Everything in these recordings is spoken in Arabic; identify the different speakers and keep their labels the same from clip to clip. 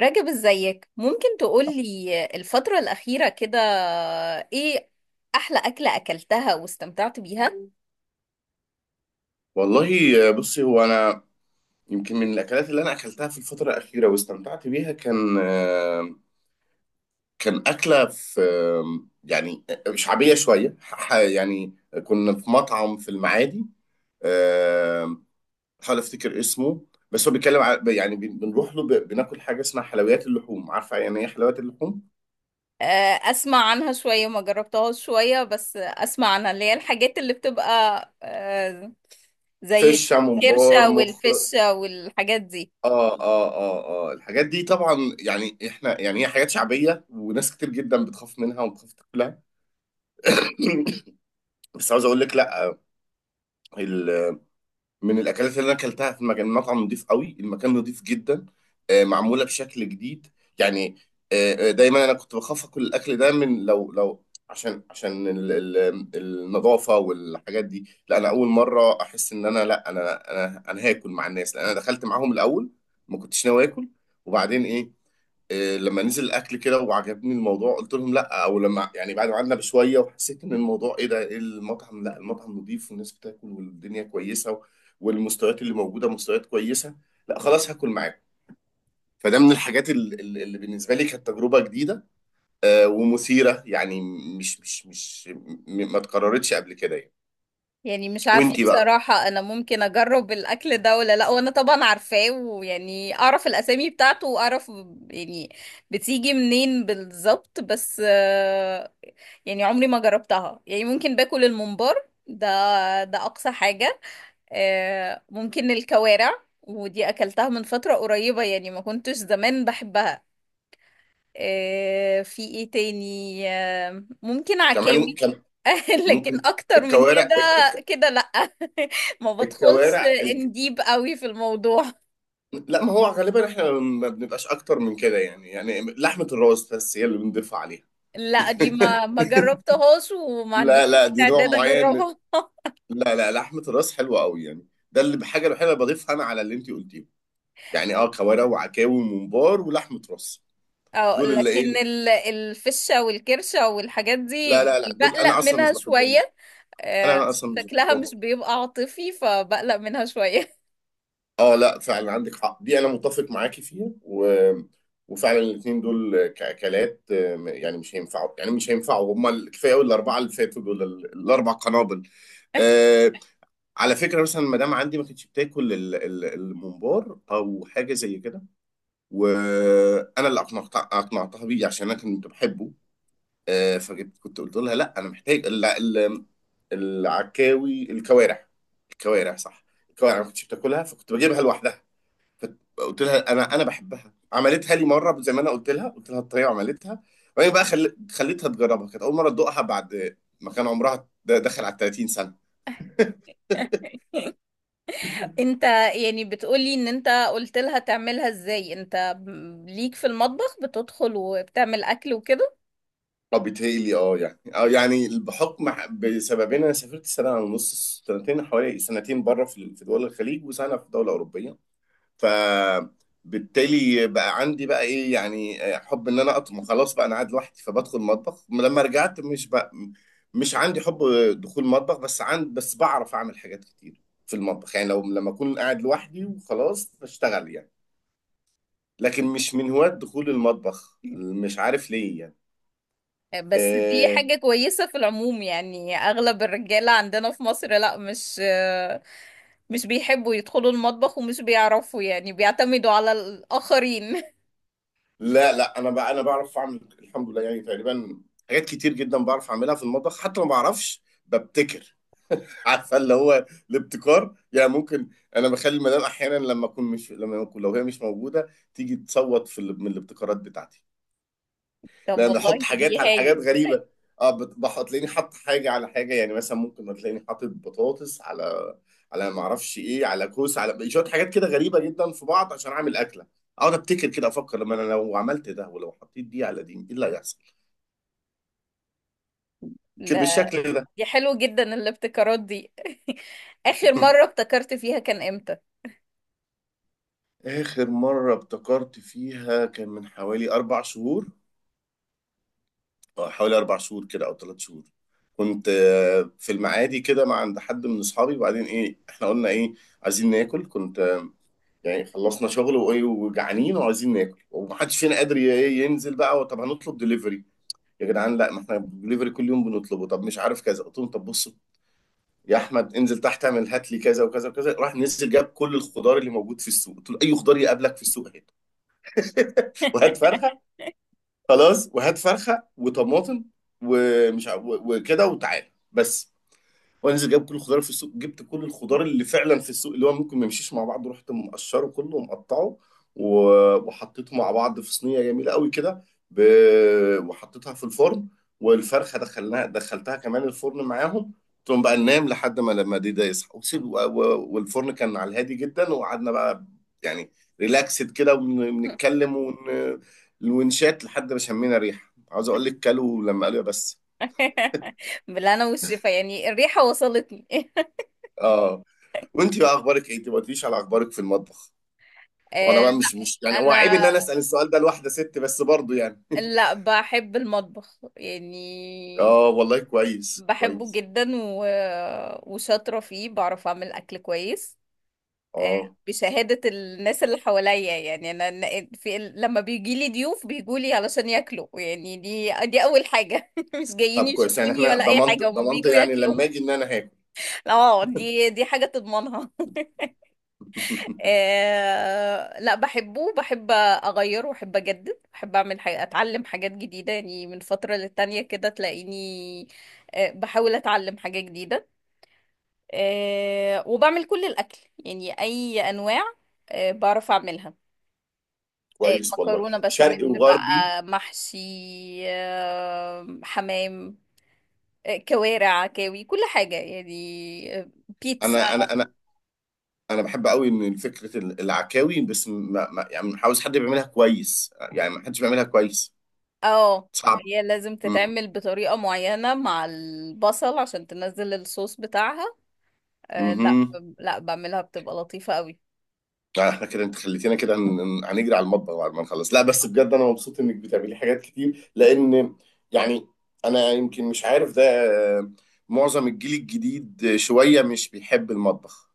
Speaker 1: راجب، ازيك؟ ممكن تقولي الفترة الأخيرة كده ايه أحلى أكلة أكلتها واستمتعت بيها؟
Speaker 2: والله بصي هو انا يمكن من الاكلات اللي انا اكلتها في الفتره الاخيره واستمتعت بيها كان كان اكله في يعني شعبيه شويه كنا في مطعم في المعادي. آه، بحاول افتكر اسمه. بس هو بيتكلم على بنروح له بناكل حاجه اسمها حلويات اللحوم. عارفه يعني ايه حلويات اللحوم؟
Speaker 1: آه، أسمع عنها شوية، ما جربتهاش شوية بس أسمع عنها اللي هي الحاجات اللي بتبقى زي
Speaker 2: فشه ممبار
Speaker 1: الكرشة
Speaker 2: مخ.
Speaker 1: والفشة والحاجات دي.
Speaker 2: اه اه. اه اه الحاجات دي طبعا يعني احنا يعني هي حاجات شعبيه وناس كتير جدا بتخاف منها وبتخاف تاكلها. بس عاوز اقول لك لا، ال- من الاكلات اللي انا اكلتها في مكان مطعم نضيف قوي، المكان نضيف جدا، معموله بشكل جديد يعني. دايما انا كنت بخاف اكل الاكل ده من لو عشان عشان النظافه والحاجات دي. لا انا اول مره احس ان انا لا انا هاكل مع الناس، لان انا دخلت معاهم الاول. ما كنتش ناوي اكل وبعدين ايه، لما نزل الاكل كده وعجبني الموضوع قلت لهم لا، او لما يعني بعد ما قعدنا بشويه وحسيت ان الموضوع ايه ده، إيه المطعم لا المطعم نضيف والناس بتاكل والدنيا كويسه والمستويات اللي موجوده مستويات كويسه، لا خلاص هاكل معاكم. فده من الحاجات اللي بالنسبه لي كانت تجربه جديده ومثيره يعني. مش مش مش م- ما اتكررتش قبل كده يعني.
Speaker 1: يعني مش عارفة
Speaker 2: وانتي بقى؟
Speaker 1: بصراحة، أنا ممكن أجرب الأكل ده ولا لأ، وأنا طبعا عارفاه ويعني أعرف الأسامي بتاعته وأعرف يعني بتيجي منين بالظبط، بس يعني عمري ما جربتها، يعني ممكن باكل الممبار ده، ده أقصى حاجة. ممكن الكوارع، ودي أكلتها من فترة قريبة، يعني ما كنتش زمان بحبها. في إيه تاني؟ ممكن
Speaker 2: كمان
Speaker 1: عكاوي.
Speaker 2: كان
Speaker 1: لكن
Speaker 2: ممكن
Speaker 1: اكتر من
Speaker 2: الكوارع
Speaker 1: كده، كده لا. ما بدخلش
Speaker 2: الكوارع.
Speaker 1: انديب قوي في الموضوع.
Speaker 2: لا ما هو غالبا احنا ما بنبقاش اكتر من كده يعني، يعني لحمة الراس بس هي اللي بنضيف عليها.
Speaker 1: لا، دي ما جربتهاش، وما عنديش
Speaker 2: لا لا دي نوع
Speaker 1: استعداد
Speaker 2: معين من...
Speaker 1: اجربها.
Speaker 2: لا لا لحمة الراس حلوة قوي يعني، ده اللي بحاجة الوحيدة اللي بضيفها انا على اللي انت قلتيه، يعني اه كوارع وعكاوي وممبار ولحمة راس.
Speaker 1: اه،
Speaker 2: دول اللي
Speaker 1: لكن
Speaker 2: ايه،
Speaker 1: الفشة والكرشة والحاجات
Speaker 2: لا
Speaker 1: دي
Speaker 2: لا لا دول انا
Speaker 1: بقلق
Speaker 2: اصلا
Speaker 1: منها
Speaker 2: مش بحبهم.
Speaker 1: شوية.
Speaker 2: انا
Speaker 1: آه،
Speaker 2: أنا اصلا مش
Speaker 1: شكلها
Speaker 2: بحبهم.
Speaker 1: مش بيبقى عاطفي فبقلق منها شوية.
Speaker 2: اه لا فعلا عندك حق، دي انا متفق معاكي فيها و... وفعلا الاثنين دول كاكلات يعني مش هينفعوا، يعني مش هينفعوا. هم كفايه قوي الاربعه اللي فاتوا دول الاربع قنابل. آه، على فكرة مثلا المدام عندي ما كانتش بتاكل الممبار أو حاجة زي كده، وأنا اللي أقنعتها بيه عشان أنا كنت بحبه. آه، فجبت كنت قلت لها لا أنا محتاج العكاوي الكوارع، الكوارع صح. الكوارع ما كنتش بتاكلها فكنت بجيبها لوحدها. قلت لها أنا بحبها، عملتها لي مرة زي ما أنا قلت لها، قلت لها الطريقة وعملتها. وبعدين بقى خليتها تجربها، كانت أول مرة تدوقها بعد ما كان عمرها داخل على 30 سنة.
Speaker 1: انت يعني بتقولي ان انت قلت لها تعملها ازاي؟ انت ليك في المطبخ بتدخل وبتعمل اكل وكده؟
Speaker 2: اه بيتهيألي اه يعني اه يعني بحكم بسببين، انا سافرت سنه ونص سنتين، حوالي سنتين بره في دول الخليج، وسنه في دوله اوروبيه. فبالتالي بقى عندي بقى ايه يعني حب ان انا اطبخ، خلاص بقى انا قاعد لوحدي فبدخل مطبخ. لما رجعت مش بقى مش عندي حب دخول مطبخ، بس عند بس بعرف اعمل حاجات كتير في المطبخ يعني، لو لما اكون قاعد لوحدي وخلاص بشتغل يعني. لكن مش من هواة دخول المطبخ، مش عارف ليه يعني.
Speaker 1: بس دي
Speaker 2: آه،
Speaker 1: حاجة كويسة في العموم، يعني أغلب الرجالة عندنا في مصر لا، مش بيحبوا يدخلوا المطبخ، ومش بيعرفوا يعني، بيعتمدوا على الآخرين.
Speaker 2: لا لا انا بقى انا بعرف اعمل الحمد لله يعني، تقريبا حاجات كتير جدا بعرف اعملها في المطبخ، حتى ما بعرفش ببتكر. عارفه اللي هو الابتكار يعني. ممكن انا بخلي المدام احيانا لما اكون مش لما اكون لو هي مش موجوده تيجي تصوت في من الابتكارات بتاعتي،
Speaker 1: طب
Speaker 2: لان
Speaker 1: والله
Speaker 2: احط
Speaker 1: دي
Speaker 2: حاجات على حاجات
Speaker 1: هايل.
Speaker 2: غريبه. اه تلاقيني حاطط حاجه على حاجه، يعني مثلا ممكن تلاقيني حاطط بطاطس على على ما اعرفش ايه، على كوسه، على شويه حاجات كده غريبه جدا في بعض عشان اعمل اكله. اقعد ابتكر كده، افكر لما انا لو عملت ده ولو حطيت دي على دي ايه اللي هيحصل، كده
Speaker 1: ده
Speaker 2: بالشكل ده.
Speaker 1: دي حلو جدا الابتكارات دي. آخر مرة ابتكرت فيها كان إمتى؟
Speaker 2: اخر مره ابتكرت فيها كان من حوالي اربع شهور. اه حوالي اربع شهور كده او ثلاث شهور. كنت في المعادي كده مع عند حد من اصحابي، وبعدين ايه احنا قلنا ايه، عايزين ناكل. كنت يعني خلصنا شغل وايه وجعانين وعايزين ناكل، ومحدش فينا قادر ي- إيه ينزل. بقى طب هنطلب دليفري، يا جدعان لا ما احنا دليفري كل يوم بنطلبه، طب مش عارف كذا. قلت لهم طب بصوا يا احمد انزل تحت اعمل هات لي كذا وكذا وكذا. راح نزل جاب كل الخضار اللي موجود في السوق، قلت له اي خضار يقابلك في السوق هات، وهات فرخه. خلاص وهات فرخه وطماطم وكده وتعالى بس. وانزل جايب كل الخضار في السوق، جبت كل الخضار اللي فعلا في السوق اللي هو ممكن ما يمشيش مع بعض، رحت مقشره كله ومقطعه وحطيته مع بعض في صينيه جميله قوي كده ب... وحطيتها في الفرن. والفرخه دخلتها كمان الفرن معاهم. تقوم بقى ننام لحد ما لما دي ده يصحى وسيب والفرن كان على الهادي جدا. وقعدنا بقى يعني ريلاكسد كده ونتكلم ونشات لحد ما شمينا ريحه، عاوز اقول لك كلوا لما قالوا يا بس.
Speaker 1: بالله أنا والشفا، يعني الريحة وصلتني.
Speaker 2: اه وانت بقى اخبارك ايه؟ انت ما قلتليش على اخبارك في المطبخ. وانا بقى
Speaker 1: لا،
Speaker 2: مش مش يعني هو عيب ان
Speaker 1: أنا
Speaker 2: انا اسال السؤال ده لواحده ست بس برضه يعني.
Speaker 1: لا، بحب المطبخ يعني،
Speaker 2: اه والله كويس
Speaker 1: بحبه
Speaker 2: كويس.
Speaker 1: جدا و... وشاطرة فيه، بعرف أعمل أكل كويس
Speaker 2: اه
Speaker 1: بشهادة الناس اللي حواليا، يعني لما بيجيلي ضيوف بيجولي علشان ياكلوا، يعني دي أول حاجة. مش جايين
Speaker 2: طب كويس، يعني
Speaker 1: يشوفوني
Speaker 2: احنا
Speaker 1: ولا أي
Speaker 2: ضمنت،
Speaker 1: حاجة، هما
Speaker 2: ضمنت
Speaker 1: بيجوا
Speaker 2: يعني
Speaker 1: ياكلوا.
Speaker 2: لما اجي ان انا هاكل.
Speaker 1: اه، دي حاجة تضمنها. لا، بحبه، بحب أغير وبحب أجدد، بحب أعمل حاجة، أتعلم حاجات جديدة يعني، من فترة للتانية كده تلاقيني بحاول أتعلم حاجة جديدة، وبعمل كل الأكل، يعني أي أنواع بعرف أعملها.
Speaker 2: كويس والله
Speaker 1: مكرونة
Speaker 2: شرقي
Speaker 1: بشاميل
Speaker 2: وغربي.
Speaker 1: بقى، محشي، حمام، كوارع، عكاوي، كل حاجة يعني، بيتزا.
Speaker 2: انا انا انا انا بحب قوي ان فكره العكاوي، بس ما ما يعني مش عاوز حد، بيعملها كويس يعني ما حدش بيعملها كويس،
Speaker 1: اه،
Speaker 2: صعب.
Speaker 1: هي لازم تتعمل بطريقة معينة مع البصل عشان تنزل الصوص بتاعها. لا،
Speaker 2: مهم.
Speaker 1: لا، بعملها بتبقى لطيفة قوي.
Speaker 2: لا احنا كده انت خليتينا كده هنجري على المطبخ بعد ما نخلص. لا بس بجد انا مبسوط انك بتعملي حاجات كتير، لان يعني انا يمكن مش عارف ده. آه، معظم الجيل الجديد شوية مش بيحب المطبخ،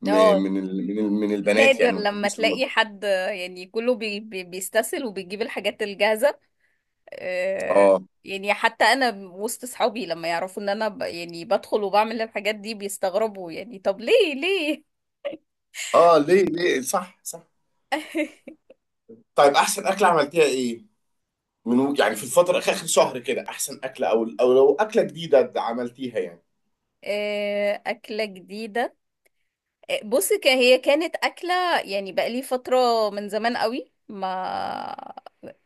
Speaker 2: م-
Speaker 1: اه،
Speaker 2: من ال من ال من البنات يعني
Speaker 1: نادر
Speaker 2: ما
Speaker 1: لما
Speaker 2: بيحبوش المطبخ.
Speaker 1: تلاقي حد، يعني كله بيستسهل وبيجيب الحاجات الجاهزة. آه،
Speaker 2: اه
Speaker 1: يعني حتى انا وسط صحابي لما يعرفوا ان انا يعني بدخل وبعمل الحاجات دي بيستغربوا، يعني طب ليه، ليه؟
Speaker 2: اه ليه ليه صح صح. طيب احسن اكلة عملتيها ايه، من يعني في الفترة اخر آخر شهر كده، احسن اكلة او او لو اكلة جديدة عملتيها يعني.
Speaker 1: أكلة جديدة. بص، هي كانت أكلة، يعني بقالي فترة، من زمان قوي، ما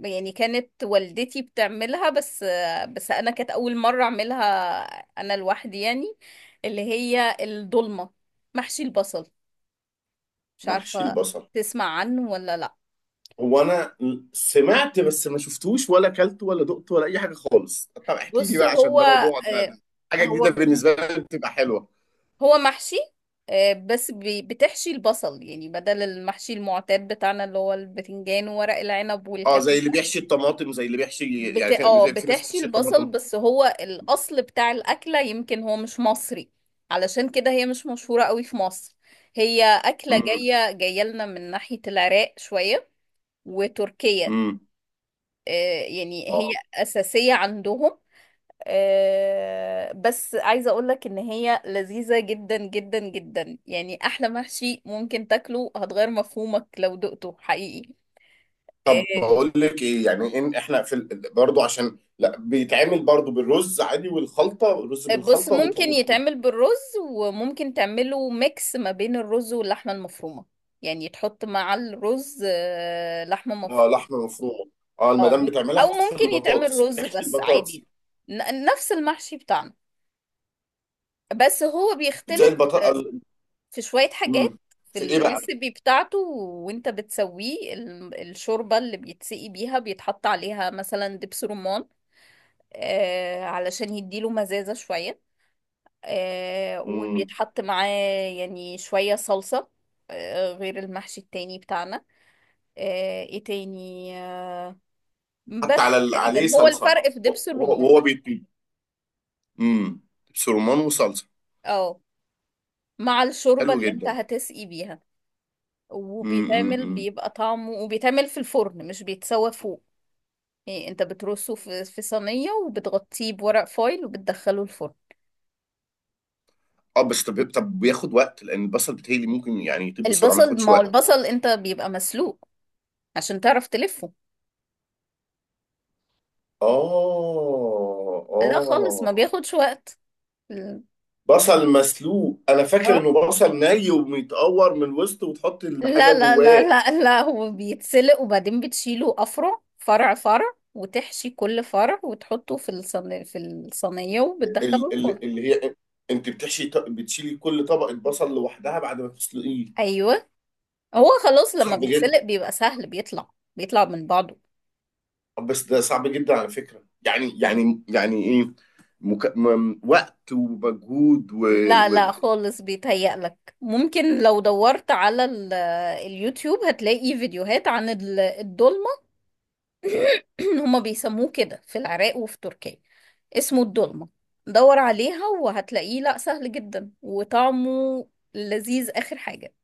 Speaker 1: يعني كانت والدتي بتعملها بس، بس أنا كانت أول مرة أعملها أنا لوحدي يعني، اللي هي الضلمة، محشي البصل. مش
Speaker 2: محشي
Speaker 1: عارفة،
Speaker 2: البصل؟
Speaker 1: تسمع عنه ولا لأ؟
Speaker 2: هو انا سمعت بس ما شفتوش ولا اكلته ولا دقته ولا اي حاجه خالص، طب احكي لي
Speaker 1: بص،
Speaker 2: بقى عشان
Speaker 1: هو
Speaker 2: ده موضوع ده,
Speaker 1: آه،
Speaker 2: ده حاجه جديده
Speaker 1: هو
Speaker 2: بالنسبه لي بتبقى حلوه.
Speaker 1: محشي بس بتحشي البصل، يعني بدل المحشي المعتاد بتاعنا اللي هو البتنجان وورق العنب
Speaker 2: اه
Speaker 1: والكلام
Speaker 2: زي اللي
Speaker 1: ده.
Speaker 2: بيحشي الطماطم، زي اللي بيحشي يعني في
Speaker 1: اه،
Speaker 2: زي في ناس
Speaker 1: بتحشي
Speaker 2: بتحشي
Speaker 1: البصل.
Speaker 2: الطماطم.
Speaker 1: بس هو الأصل بتاع الأكلة يمكن هو مش مصري، علشان كده هي مش مشهورة قوي في مصر. هي أكلة
Speaker 2: امم.
Speaker 1: جاية جاية لنا من ناحية العراق شوية وتركيا.
Speaker 2: امم.
Speaker 1: آه، يعني هي
Speaker 2: اه
Speaker 1: أساسية عندهم. بس عايزة اقولك ان هي لذيذة جدا جدا جدا، يعني احلى محشي ممكن تاكله، هتغير مفهومك لو دقته حقيقي. آه،
Speaker 2: طب بقول لك ايه، يعني ان احنا برضو عشان لا بيتعمل برضو بالرز عادي والخلطه، الرز
Speaker 1: بص،
Speaker 2: بالخلطه
Speaker 1: ممكن يتعمل بالرز، وممكن تعمله ميكس ما بين الرز واللحمة المفرومة، يعني تحط مع الرز لحمة
Speaker 2: آه
Speaker 1: مفرومة.
Speaker 2: لحمه مفرومه. اه
Speaker 1: او
Speaker 2: المدام
Speaker 1: مم-
Speaker 2: بتعملها
Speaker 1: او
Speaker 2: في
Speaker 1: ممكن يتعمل
Speaker 2: البطاطس
Speaker 1: رز
Speaker 2: بتحشي
Speaker 1: بس
Speaker 2: البطاطس،
Speaker 1: عادي، نفس المحشي بتاعنا، بس هو
Speaker 2: زي
Speaker 1: بيختلف
Speaker 2: البطاطس.
Speaker 1: في شوية حاجات
Speaker 2: امم.
Speaker 1: في
Speaker 2: في ايه
Speaker 1: الريسبي بتاعته. وانت بتسويه الشوربة اللي بيتسقي بيها بيتحط عليها مثلا دبس رمان، علشان يديله مزازة شوية،
Speaker 2: بقى،
Speaker 1: وبيتحط معاه يعني شوية صلصة، غير المحشي التاني بتاعنا. آه ايه تاني آه
Speaker 2: حتى
Speaker 1: بس
Speaker 2: على عليه
Speaker 1: تقريبا هو
Speaker 2: صلصه.
Speaker 1: الفرق في دبس الرمان.
Speaker 2: وهو بيطيب. امم. سرمان وصلصه.
Speaker 1: اه، مع الشوربة
Speaker 2: حلو
Speaker 1: اللي انت
Speaker 2: جدا.
Speaker 1: هتسقي بيها،
Speaker 2: امم.
Speaker 1: وبيتعمل
Speaker 2: امم.
Speaker 1: بيبقى طعمه، وبيتعمل في الفرن مش بيتسوى فوق. إيه، انت بترصه في صينية، وبتغطيه بورق فويل، وبتدخله الفرن.
Speaker 2: اه بس طب بياخد وقت، لان البصل بتهيألي ممكن يعني يطيب بسرعه ما
Speaker 1: البصل،
Speaker 2: ياخدش
Speaker 1: ما هو
Speaker 2: وقت.
Speaker 1: البصل انت بيبقى مسلوق عشان تعرف تلفه.
Speaker 2: اه
Speaker 1: لا خالص،
Speaker 2: اه.
Speaker 1: ما بياخدش وقت. ال-
Speaker 2: بصل مسلوق، انا فاكر
Speaker 1: اه
Speaker 2: انه بصل ني ومتقور من الوسط وتحط الحاجه
Speaker 1: لا، لا، لا،
Speaker 2: جواه.
Speaker 1: لا، لا، هو بيتسلق وبعدين بتشيله افرع، فرع، فرع، وتحشي كل فرع وتحطه في الصينية وبتدخله
Speaker 2: ال-
Speaker 1: الفرن.
Speaker 2: ال- اللي هي انت بتحشي بتشيلي كل طبقه بصل لوحدها بعد ما تسلقيه؟
Speaker 1: ايوه، هو خلاص لما
Speaker 2: صعب جدا.
Speaker 1: بيتسلق بيبقى سهل، بيطلع من بعضه.
Speaker 2: بس ده صعب جدا على فكرة يعني يعني يعني ايه وقت ومجهود
Speaker 1: لا،
Speaker 2: و...
Speaker 1: لا خالص، بيتهيألك ممكن لو دورت على اليوتيوب هتلاقي فيديوهات عن الدولمة. هما بيسموه كده في العراق وفي تركيا، اسمه الدولمة. دور عليها وهتلاقيه، لا سهل جدا، وطعمه لذيذ آخر حاجة.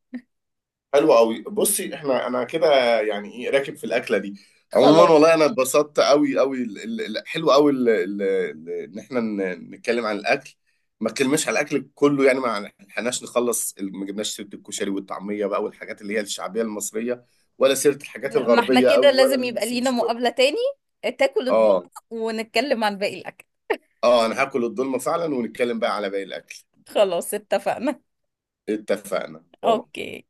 Speaker 2: حلو قوي. بصي احنا انا كده يعني ايه راكب في الاكله دي. عموما
Speaker 1: خلاص.
Speaker 2: والله انا اتبسطت قوي قوي حلو قوي ان احنا نتكلم عن الاكل. ما اتكلمناش على الاكل كله يعني، ما لحقناش نخلص ما جبناش سيره الكشري والطعميه بقى والحاجات اللي هي الشعبيه المصريه، ولا سيره الحاجات
Speaker 1: لا، ما احنا
Speaker 2: الغربيه
Speaker 1: كده
Speaker 2: قوي ولا
Speaker 1: لازم يبقى لينا
Speaker 2: السوشي ولا،
Speaker 1: مقابلة تاني، تاكل الدولمة،
Speaker 2: اه.
Speaker 1: ونتكلم عن باقي الأكل.
Speaker 2: اه انا هاكل الدولمه فعلا ونتكلم بقى على باقي الاكل.
Speaker 1: خلاص، اتفقنا.
Speaker 2: اتفقنا باي.
Speaker 1: اوكي.